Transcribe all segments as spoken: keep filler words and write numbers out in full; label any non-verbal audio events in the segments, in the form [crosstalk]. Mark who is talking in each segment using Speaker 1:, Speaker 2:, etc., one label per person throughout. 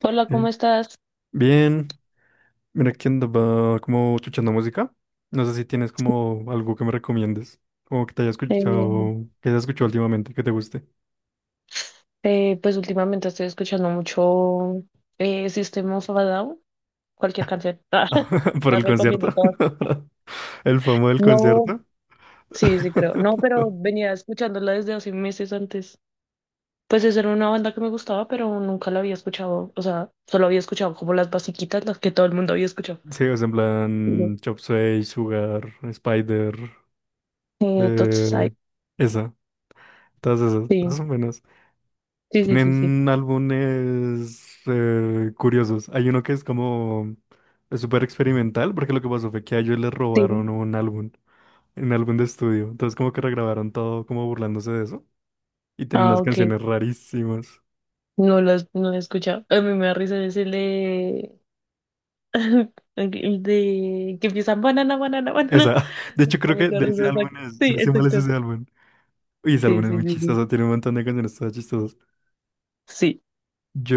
Speaker 1: Hola, ¿cómo
Speaker 2: Eh,
Speaker 1: estás?
Speaker 2: Bien, mira que andaba como escuchando música. No sé si tienes como algo que me recomiendes, como que te haya
Speaker 1: Eh,
Speaker 2: escuchado, que hayas escuchado últimamente, que te guste.
Speaker 1: eh, pues últimamente estoy escuchando mucho eh, System of a Down, cualquier canción. [laughs] Ah,
Speaker 2: [laughs] Por
Speaker 1: la
Speaker 2: el concierto.
Speaker 1: recomiendo todas.
Speaker 2: [laughs] El famoso del
Speaker 1: No,
Speaker 2: concierto.
Speaker 1: sí, sí creo. No, pero
Speaker 2: [laughs]
Speaker 1: venía escuchándola desde hace meses antes. Pues esa era una banda que me gustaba, pero nunca la había escuchado. O sea, solo había escuchado como las basiquitas, las que todo el mundo había escuchado.
Speaker 2: Sí, o sea, en
Speaker 1: No.
Speaker 2: plan Chop Suey, Sugar, Spider,
Speaker 1: Eh, entonces,
Speaker 2: eh,
Speaker 1: ay,
Speaker 2: esa, todas esas, todas
Speaker 1: sí,
Speaker 2: son buenas.
Speaker 1: sí, sí, sí, sí.
Speaker 2: Tienen álbumes eh, curiosos. Hay uno que es como es súper experimental, porque lo que pasó fue que a ellos les
Speaker 1: Sí.
Speaker 2: robaron un álbum, un álbum de estudio. Entonces como que regrabaron todo como burlándose de eso. Y tienen
Speaker 1: Ah,
Speaker 2: unas
Speaker 1: ok.
Speaker 2: canciones rarísimas.
Speaker 1: No las no la he escuchado. A mí me da risa decirle [laughs] de que empiezan banana, banana, [laughs] banana.
Speaker 2: Esa, [laughs] de hecho
Speaker 1: Da
Speaker 2: creo que
Speaker 1: mucha
Speaker 2: de
Speaker 1: risa
Speaker 2: ese álbum
Speaker 1: esa-
Speaker 2: es,
Speaker 1: Sí,
Speaker 2: si no estoy mal es
Speaker 1: exacto.
Speaker 2: ese álbum. Y ese álbum
Speaker 1: Sí,
Speaker 2: es
Speaker 1: sí,
Speaker 2: muy
Speaker 1: sí, sí.
Speaker 2: chistoso, tiene un montón de canciones todas chistosas.
Speaker 1: Sí,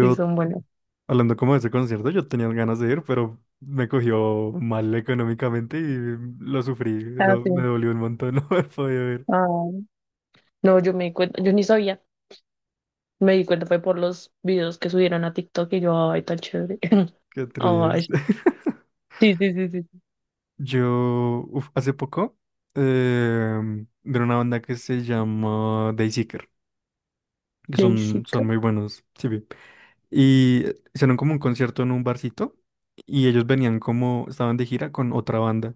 Speaker 1: sí, son buenas.
Speaker 2: hablando como de ese concierto, yo tenía ganas de ir, pero me cogió mal económicamente y lo sufrí,
Speaker 1: Ah,
Speaker 2: lo-
Speaker 1: sí.
Speaker 2: me dolió un montón [laughs] no haber podido ir.
Speaker 1: Ah, no, yo me di cuenta, yo ni sabía. Me di cuenta fue por los videos que subieron a TikTok y yo, ay, tan chévere. [laughs]
Speaker 2: Qué
Speaker 1: Ay,
Speaker 2: triste. [laughs]
Speaker 1: sí, sí, sí, sí, sí.
Speaker 2: Yo, uf, hace poco, em, de una banda que se llama Dayseeker, que son,
Speaker 1: Daisica.
Speaker 2: son muy buenos, sí vi. Y hicieron como un concierto en un barcito y ellos venían como, estaban de gira con otra banda,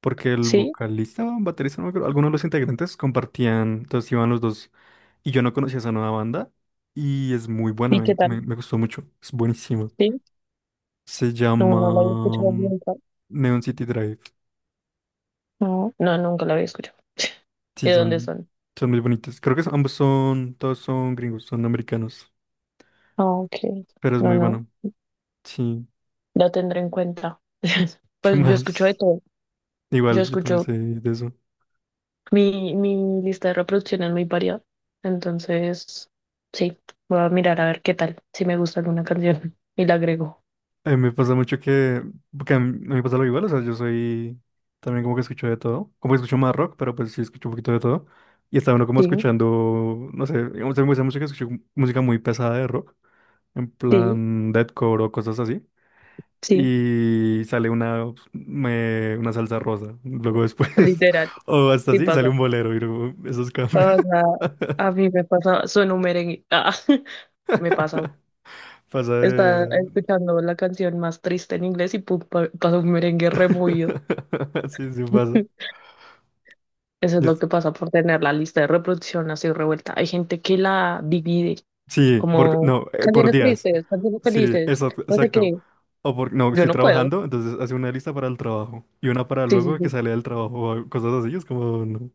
Speaker 2: porque el
Speaker 1: Sí.
Speaker 2: vocalista o baterista, no me acuerdo, algunos de los integrantes compartían, entonces iban los dos. Y yo no conocía esa nueva banda y es muy buena,
Speaker 1: ¿Y qué
Speaker 2: me, me,
Speaker 1: tal?
Speaker 2: me gustó mucho, es buenísima.
Speaker 1: Sí.
Speaker 2: Se
Speaker 1: No, no la había
Speaker 2: llama
Speaker 1: escuchado
Speaker 2: mm,
Speaker 1: nunca.
Speaker 2: Neon City Drive.
Speaker 1: No, no, nunca la había escuchado.
Speaker 2: Sí,
Speaker 1: ¿De dónde
Speaker 2: son,
Speaker 1: son?
Speaker 2: son muy bonitos. Creo que son- ambos son, todos son gringos, son americanos,
Speaker 1: Ah, ok.
Speaker 2: pero es
Speaker 1: No,
Speaker 2: muy
Speaker 1: no.
Speaker 2: bueno. Sí,
Speaker 1: La tendré en cuenta. [laughs]
Speaker 2: [laughs] ¿qué
Speaker 1: Pues yo escucho de
Speaker 2: más?
Speaker 1: todo. Yo
Speaker 2: Igual, yo también
Speaker 1: escucho
Speaker 2: sé de eso.
Speaker 1: Mi, mi lista de reproducción es muy variada, entonces sí, voy a mirar a ver qué tal, si me gusta alguna canción [laughs] y la agrego.
Speaker 2: A mí me pasa mucho que, porque a mí, a mí me pasa lo igual, o sea, yo soy también como que escucho de todo, como que escucho más rock, pero pues sí escucho un poquito de todo. Y estaba uno como
Speaker 1: Sí,
Speaker 2: escuchando, no sé, digamos, a mí me gusta mucho que escucho música muy pesada de rock, en
Speaker 1: sí,
Speaker 2: plan deathcore o cosas así.
Speaker 1: sí,
Speaker 2: Y sale una, pues, me- una salsa rosa, luego después, [laughs]
Speaker 1: literal,
Speaker 2: o hasta
Speaker 1: sí
Speaker 2: así, sale
Speaker 1: pasa.
Speaker 2: un bolero, y luego esos cambios.
Speaker 1: O sea, a
Speaker 2: [laughs]
Speaker 1: mí me pasa, suena un merengue, ah, [laughs] me pasa.
Speaker 2: Pasa
Speaker 1: Está
Speaker 2: de...
Speaker 1: escuchando la canción más triste en inglés y pum, pa- pasa un merengue removido.
Speaker 2: [laughs] Sí, sí pasa.
Speaker 1: [laughs] Eso es lo
Speaker 2: Yes.
Speaker 1: que pasa por tener la lista de reproducción así revuelta. Hay gente que la divide
Speaker 2: Sí, por,
Speaker 1: como
Speaker 2: no, eh, por
Speaker 1: canciones
Speaker 2: días.
Speaker 1: tristes, canciones
Speaker 2: Sí,
Speaker 1: felices,
Speaker 2: eso,
Speaker 1: no sé
Speaker 2: exacto.
Speaker 1: qué.
Speaker 2: O por, no,
Speaker 1: Yo
Speaker 2: estoy
Speaker 1: no puedo.
Speaker 2: trabajando, entonces hace una lista para el trabajo y una para
Speaker 1: Sí, sí,
Speaker 2: luego que
Speaker 1: sí.
Speaker 2: sale del trabajo o cosas así, es como, no.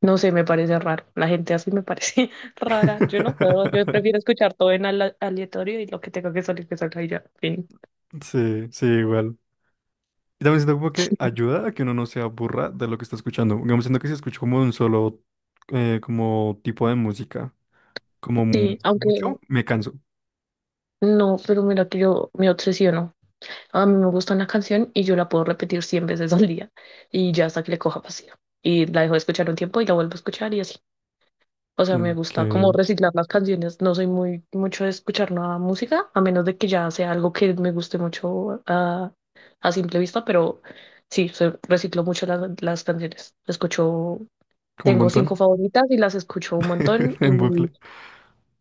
Speaker 1: No sé, me parece raro. La gente así me parece [laughs] rara. Yo no puedo. Yo prefiero
Speaker 2: [laughs]
Speaker 1: escuchar todo en ala- aleatorio y lo que tenga que salir, que salga y ya. Fin.
Speaker 2: Sí, sí, igual. Y también siento como que ayuda a que uno no se aburra de lo que está escuchando. Digamos, siento que si escucho como un solo eh, como tipo de música, como mu-
Speaker 1: Sí, aunque
Speaker 2: mucho, me canso.
Speaker 1: no, pero mira que yo me obsesiono. A mí me gusta una canción y yo la puedo repetir cien veces al día y ya hasta que le coja pasión. Y la dejo de escuchar un tiempo y la vuelvo a escuchar y así. O sea, me
Speaker 2: Mm,
Speaker 1: gusta como
Speaker 2: que
Speaker 1: reciclar las canciones. No soy muy mucho de escuchar nueva música, a menos de que ya sea algo que me guste mucho, ah, a simple vista, pero sí, se- reciclo mucho las, las canciones. Escucho,
Speaker 2: como un
Speaker 1: tengo cinco
Speaker 2: montón
Speaker 1: favoritas y las escucho un montón,
Speaker 2: [laughs] en bucle.
Speaker 1: y,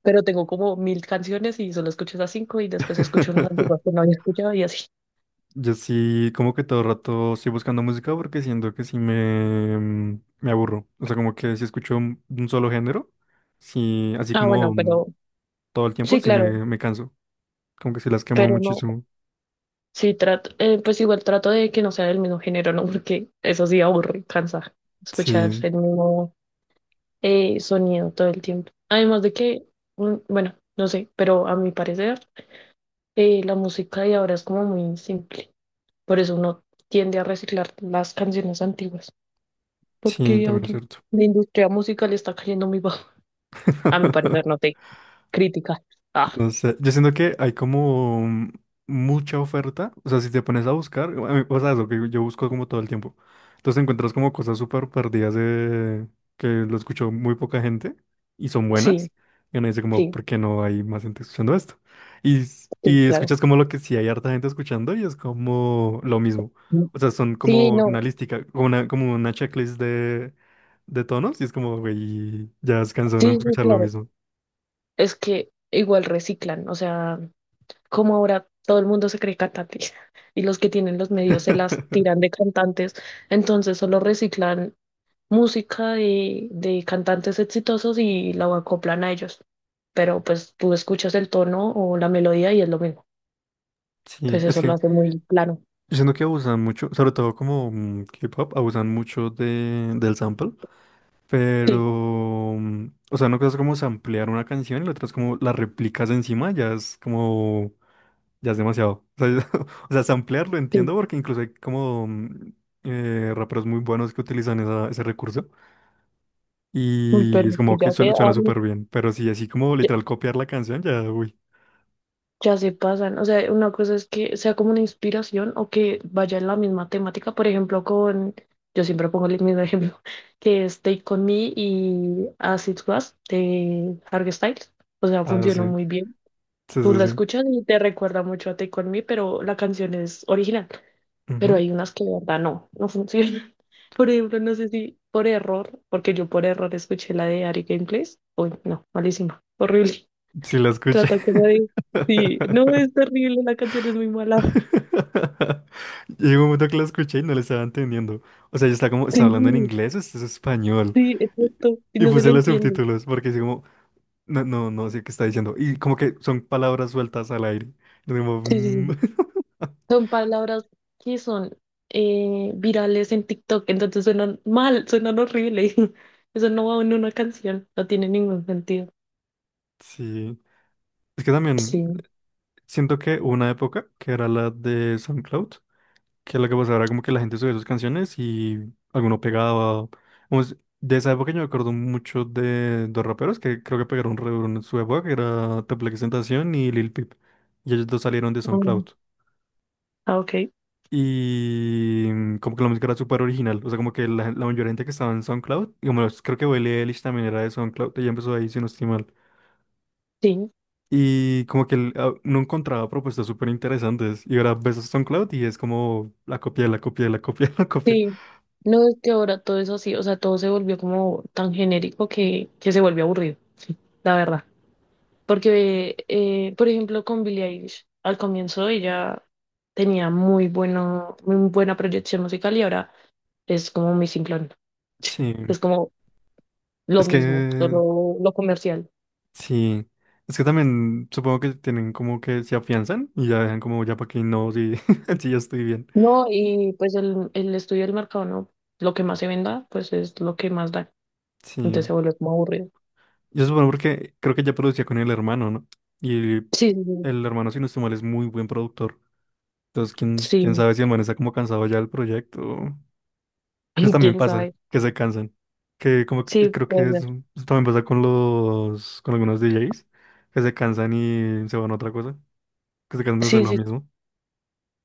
Speaker 1: pero tengo como mil canciones y solo escucho esas cinco y después escucho unas
Speaker 2: [laughs]
Speaker 1: antiguas que no había escuchado y así.
Speaker 2: Yo sí, como que todo el rato estoy buscando música porque siento que sí me, mm, me aburro. O sea, como que si escucho un, un solo género, sí, así
Speaker 1: Ah, bueno,
Speaker 2: como mm,
Speaker 1: pero
Speaker 2: todo el tiempo,
Speaker 1: sí,
Speaker 2: sí
Speaker 1: claro,
Speaker 2: me, me canso. Como que sí las quemo
Speaker 1: pero no.
Speaker 2: muchísimo.
Speaker 1: Sí, trato, eh, pues igual trato de que no sea del mismo género, ¿no? [laughs] Porque eso sí aburre, cansa escuchar
Speaker 2: Sí,
Speaker 1: el mismo eh, sonido todo el tiempo. Además de que, mm, bueno, no sé, pero a mi parecer, eh, la música de ahora es como muy simple. Por eso uno tiende a reciclar las canciones antiguas,
Speaker 2: sí,
Speaker 1: porque
Speaker 2: también es
Speaker 1: ahorita
Speaker 2: cierto.
Speaker 1: la industria musical está cayendo muy bajo. [laughs] A mi parecer, no
Speaker 2: [laughs]
Speaker 1: te critica. Ah,
Speaker 2: No sé, yo siento que hay como mm, mucha oferta, o sea, si te pones a buscar, a mí- o sea, eso que yo busco como todo el tiempo, entonces encuentras como cosas súper perdidas de- que lo escuchó muy poca gente y son
Speaker 1: sí,
Speaker 2: buenas, y uno dice como,
Speaker 1: sí,
Speaker 2: ¿por qué no hay más gente escuchando esto? Y, s-
Speaker 1: sí,
Speaker 2: y
Speaker 1: claro.
Speaker 2: escuchas como lo que sí hay harta gente escuchando y es como lo mismo, o sea, son
Speaker 1: Sí,
Speaker 2: como
Speaker 1: no,
Speaker 2: una lística, como una, como una checklist de, de tonos y es como, güey, ya se cansó de
Speaker 1: sí, sí,
Speaker 2: escuchar lo
Speaker 1: claro.
Speaker 2: mismo.
Speaker 1: Es que igual reciclan, o sea, como ahora todo el mundo se cree cantante [laughs] y los que tienen los medios se las tiran de
Speaker 2: [laughs]
Speaker 1: cantantes, entonces solo reciclan música de, de cantantes exitosos y la acoplan a ellos. Pero pues tú escuchas el tono o la melodía y es lo mismo.
Speaker 2: Sí,
Speaker 1: Pues
Speaker 2: es
Speaker 1: eso lo
Speaker 2: que...
Speaker 1: hace muy plano.
Speaker 2: Yo siento que abusan mucho, sobre todo como mm, K-pop, abusan mucho de, del sample,
Speaker 1: Sí,
Speaker 2: pero, mm, o sea, no cosa es como samplear una canción y la otra es como la replicas encima, ya es como, ya es demasiado. O sea, [laughs] o sea, samplear lo
Speaker 1: sí,
Speaker 2: entiendo porque incluso hay como mm, eh, raperos muy buenos que utilizan esa- ese recurso
Speaker 1: uy,
Speaker 2: y
Speaker 1: pero
Speaker 2: es
Speaker 1: es que
Speaker 2: como que
Speaker 1: ya se
Speaker 2: suena, suena
Speaker 1: habla.
Speaker 2: súper bien, pero sí, así como literal copiar la canción, ya, uy,
Speaker 1: Ya se pasan. O sea, una cosa es que sea como una inspiración o que vaya en la misma temática. Por ejemplo, con, yo siempre pongo el mismo ejemplo, [laughs] que es Take On Me y As It Was de Harry Styles. O sea,
Speaker 2: ah, sí,
Speaker 1: funcionó muy bien.
Speaker 2: sí,
Speaker 1: Tú
Speaker 2: sí,
Speaker 1: la
Speaker 2: sí,
Speaker 1: escuchas y te recuerda mucho a Take On Me, pero la canción es original. Pero
Speaker 2: ujú,
Speaker 1: hay unas que de verdad no, no funcionan. [laughs] Por ejemplo, no sé si por error, porque yo por error escuché la de Ari Gameplays. Uy, no, malísima, horrible.
Speaker 2: sí la escuché.
Speaker 1: Trata como de. Sí, no, es
Speaker 2: [laughs]
Speaker 1: terrible, la canción es muy mala.
Speaker 2: [laughs] Llegó un momento que lo escuché y no le estaba entendiendo. O sea, yo estaba como,
Speaker 1: Sí,
Speaker 2: ¿está hablando en inglés o esto es español?
Speaker 1: sí,
Speaker 2: Y,
Speaker 1: exacto. Y
Speaker 2: y
Speaker 1: no se
Speaker 2: puse
Speaker 1: le
Speaker 2: los
Speaker 1: entiende.
Speaker 2: subtítulos porque así como, no, no, no sé qué está diciendo. Y como que son palabras sueltas al aire. Y como,
Speaker 1: Sí, sí,
Speaker 2: "Mm".
Speaker 1: sí.
Speaker 2: [laughs]
Speaker 1: Son palabras que son eh, virales en TikTok, entonces suenan mal, suenan horrible. [laughs] Eso no va en una canción, no tiene ningún sentido.
Speaker 2: Sí. Es que también
Speaker 1: Sí.
Speaker 2: siento que hubo una época que era la de SoundCloud, que lo que pasaba era como que la gente subía sus canciones y alguno pegaba. Vamos, de esa época yo me acuerdo mucho de dos raperos que creo que pegaron re duro en su época, que era Teplexentación Tentación y Lil Peep. Y ellos dos salieron de
Speaker 1: Mm.
Speaker 2: SoundCloud.
Speaker 1: Ah, ok.
Speaker 2: Y mm, como que la música era súper original. O sea, como que la, gen- la mayoría de gente que estaba en SoundCloud, y como los- creo que Billie Eilish también era de SoundCloud, ella empezó ahí, si no estoy mal.
Speaker 1: Sí,
Speaker 2: Y como que no encontraba propuestas súper interesantes. Y ahora ves a SoundCloud y es como la copia, la copia, la copia, [laughs] la copia.
Speaker 1: sí. No, es que ahora todo es así, o sea, todo se volvió como tan genérico que, que se volvió aburrido, sí, la verdad. Porque, eh, por ejemplo, con Billie Eilish, al comienzo ella tenía muy bueno, muy buena proyección musical y ahora es como mi simplón. [laughs]
Speaker 2: Sí.
Speaker 1: Es como lo
Speaker 2: Es
Speaker 1: mismo,
Speaker 2: que
Speaker 1: solo lo comercial.
Speaker 2: sí, es que también supongo que tienen como que se afianzan y ya dejan como ya para que no, sí, [laughs] sí, ya estoy bien.
Speaker 1: No, y pues el, el estudio del mercado, ¿no? Lo que más se venda, pues es lo que más da. Entonces se
Speaker 2: Sí,
Speaker 1: vuelve como aburrido.
Speaker 2: yo supongo porque creo que ya producía con el hermano, ¿no? Y
Speaker 1: Sí, sí,
Speaker 2: el hermano, si no estoy mal, es muy buen productor. Entonces, quién, quién
Speaker 1: sí.
Speaker 2: sabe si el man está como cansado ya del proyecto. Pues
Speaker 1: [laughs]
Speaker 2: también
Speaker 1: Quién
Speaker 2: pasa,
Speaker 1: sabe.
Speaker 2: que se cansan. Que como que-
Speaker 1: Sí,
Speaker 2: creo
Speaker 1: puede
Speaker 2: que es,
Speaker 1: ser.
Speaker 2: eso también pasa con los, con algunos D Js, que se cansan y se van a otra cosa, que se cansan de hacer
Speaker 1: Sí,
Speaker 2: lo
Speaker 1: sí, sí.
Speaker 2: mismo,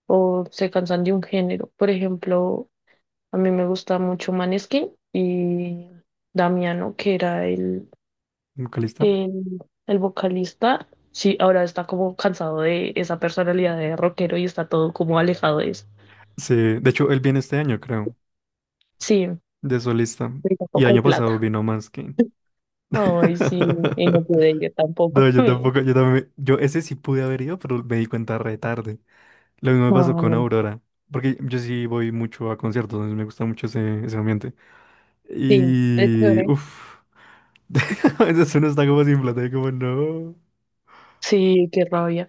Speaker 1: O se cansan de un género. Por ejemplo, a mí me gusta mucho Maneskin y Damiano, que era el,
Speaker 2: vocalista.
Speaker 1: el, el vocalista. Sí, ahora está como cansado de esa personalidad de rockero y está todo como alejado de eso.
Speaker 2: Sí, de hecho, él viene este año, creo,
Speaker 1: Sí,
Speaker 2: de solista.
Speaker 1: pero
Speaker 2: Y
Speaker 1: tampoco hay
Speaker 2: año pasado
Speaker 1: plata.
Speaker 2: vino Manskin.
Speaker 1: Ay, sí, y no
Speaker 2: [laughs]
Speaker 1: pude ir
Speaker 2: No,
Speaker 1: tampoco.
Speaker 2: yo
Speaker 1: [laughs]
Speaker 2: tampoco, yo también, yo ese sí pude haber ido, pero me di cuenta re tarde. Lo mismo me pasó
Speaker 1: No,
Speaker 2: con
Speaker 1: no.
Speaker 2: Aurora, porque yo sí voy mucho a conciertos, entonces me gusta mucho ese, ese ambiente.
Speaker 1: Sí, es
Speaker 2: Y,
Speaker 1: chévere.
Speaker 2: uff, [laughs] a veces uno está [laughs] como sin plata y como, no.
Speaker 1: Sí, qué rabia.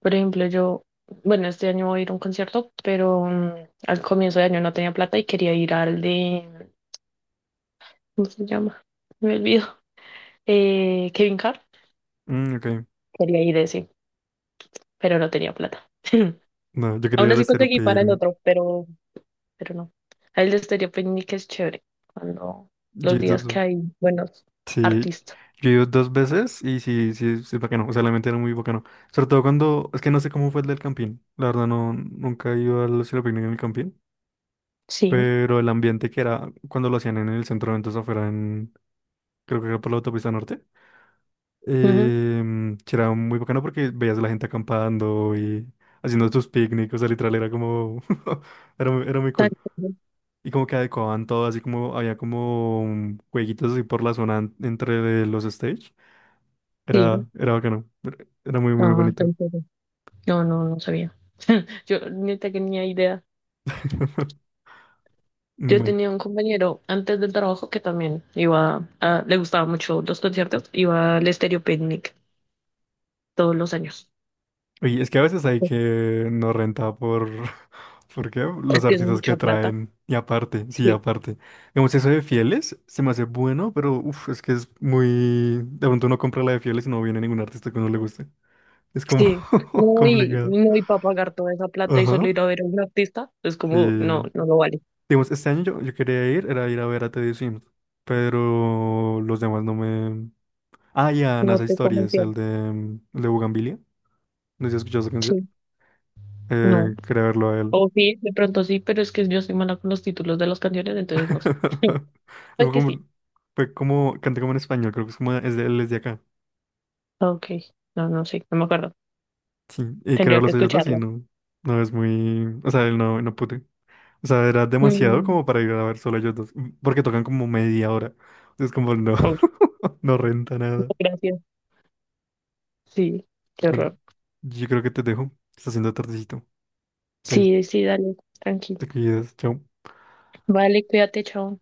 Speaker 1: Por ejemplo, yo, bueno, este año voy a ir a un concierto, pero mm, al comienzo de año no tenía plata y quería ir al de, ¿cómo se llama? Me olvido. Eh, Kevin Hart,
Speaker 2: Mm, ok,
Speaker 1: quería ir de ese, pero no tenía plata. [laughs]
Speaker 2: no, yo quería
Speaker 1: Aún
Speaker 2: ir a
Speaker 1: así
Speaker 2: Estéreo
Speaker 1: conseguí para el
Speaker 2: Picnic.
Speaker 1: otro, pero, pero, no. A él de Estéreo Picnic es chévere, cuando los días que hay buenos
Speaker 2: Sí,
Speaker 1: artistas.
Speaker 2: yo he ido dos veces y sí, sí, sí, es bacano, o sea, la mente era muy bacano. Sobre todo cuando, es que no sé cómo fue el del campín, la verdad no, nunca he ido al cielo picnic en el campín,
Speaker 1: Sí.
Speaker 2: pero el ambiente que era cuando lo hacían en el centro de eventos afuera en, creo que era por la autopista norte,
Speaker 1: Ujú,
Speaker 2: eh, sí, era muy bacano porque veías a la gente acampando y haciendo sus picnics, o sea, literal era como, [laughs] era muy, era muy
Speaker 1: tan
Speaker 2: cool.
Speaker 1: chévere.
Speaker 2: Y como que adecuaban todo, así como había como mm, jueguitos así por la zona en- entre los stage.
Speaker 1: Sí.
Speaker 2: Era, era bacano. Era era muy, muy
Speaker 1: Ah,
Speaker 2: bonito.
Speaker 1: tan chévere. No, no, no sabía. Yo ni tenía idea.
Speaker 2: [laughs]
Speaker 1: Yo
Speaker 2: Bueno.
Speaker 1: tenía un compañero antes del trabajo que también iba a, le gustaba mucho los conciertos, iba al Estéreo Picnic todos los años.
Speaker 2: Oye, es que a veces hay que no renta por... [laughs] ¿Por qué?
Speaker 1: Es
Speaker 2: Los
Speaker 1: que es
Speaker 2: artistas que
Speaker 1: mucha plata.
Speaker 2: traen. Y aparte, sí,
Speaker 1: Sí.
Speaker 2: aparte. Digamos, eso de Fieles se me hace bueno, pero uf, es que es muy... De pronto uno compra la de Fieles y no viene ningún artista que uno le guste. Es como
Speaker 1: Sí,
Speaker 2: [laughs]
Speaker 1: no, y,
Speaker 2: complicado.
Speaker 1: no, y para pagar toda esa plata y solo
Speaker 2: Ajá.
Speaker 1: ir a ver a un artista, es como, no,
Speaker 2: Sí.
Speaker 1: no lo vale.
Speaker 2: Digamos, este año yo, yo quería ir, era ir a ver a Teddy Sims pero los demás no me... Ah, y a
Speaker 1: No
Speaker 2: NASA
Speaker 1: te
Speaker 2: Historias,
Speaker 1: convenció.
Speaker 2: el de, el de Bugambilia. No sé si has escuchado esa canción.
Speaker 1: Sí, no.
Speaker 2: Eh, quería verlo a él.
Speaker 1: O sí, de pronto sí, pero es que yo soy mala con los títulos de las canciones, entonces no sé. Sí,
Speaker 2: [laughs] Fue
Speaker 1: es que sí.
Speaker 2: como, fue como, canta como en español, creo que es como, es de, él es de acá.
Speaker 1: Ok, no, no sé, no me acuerdo.
Speaker 2: Sí, y quería
Speaker 1: Tendría que
Speaker 2: verlos a ellos dos y
Speaker 1: escucharla.
Speaker 2: no, no es muy, o sea, él no, no pude. O sea, era demasiado
Speaker 1: Mm,
Speaker 2: como para ir a ver solo a ellos dos, m- porque tocan como media hora. Entonces como no,
Speaker 1: uy,
Speaker 2: [laughs] no renta nada.
Speaker 1: gracias. Sí, qué
Speaker 2: Bueno,
Speaker 1: horror.
Speaker 2: yo creo que te dejo, está haciendo tardecito. Te,
Speaker 1: Sí, sí, dale, tranqui.
Speaker 2: te cuidas, chao.
Speaker 1: Vale, cuídate, chao.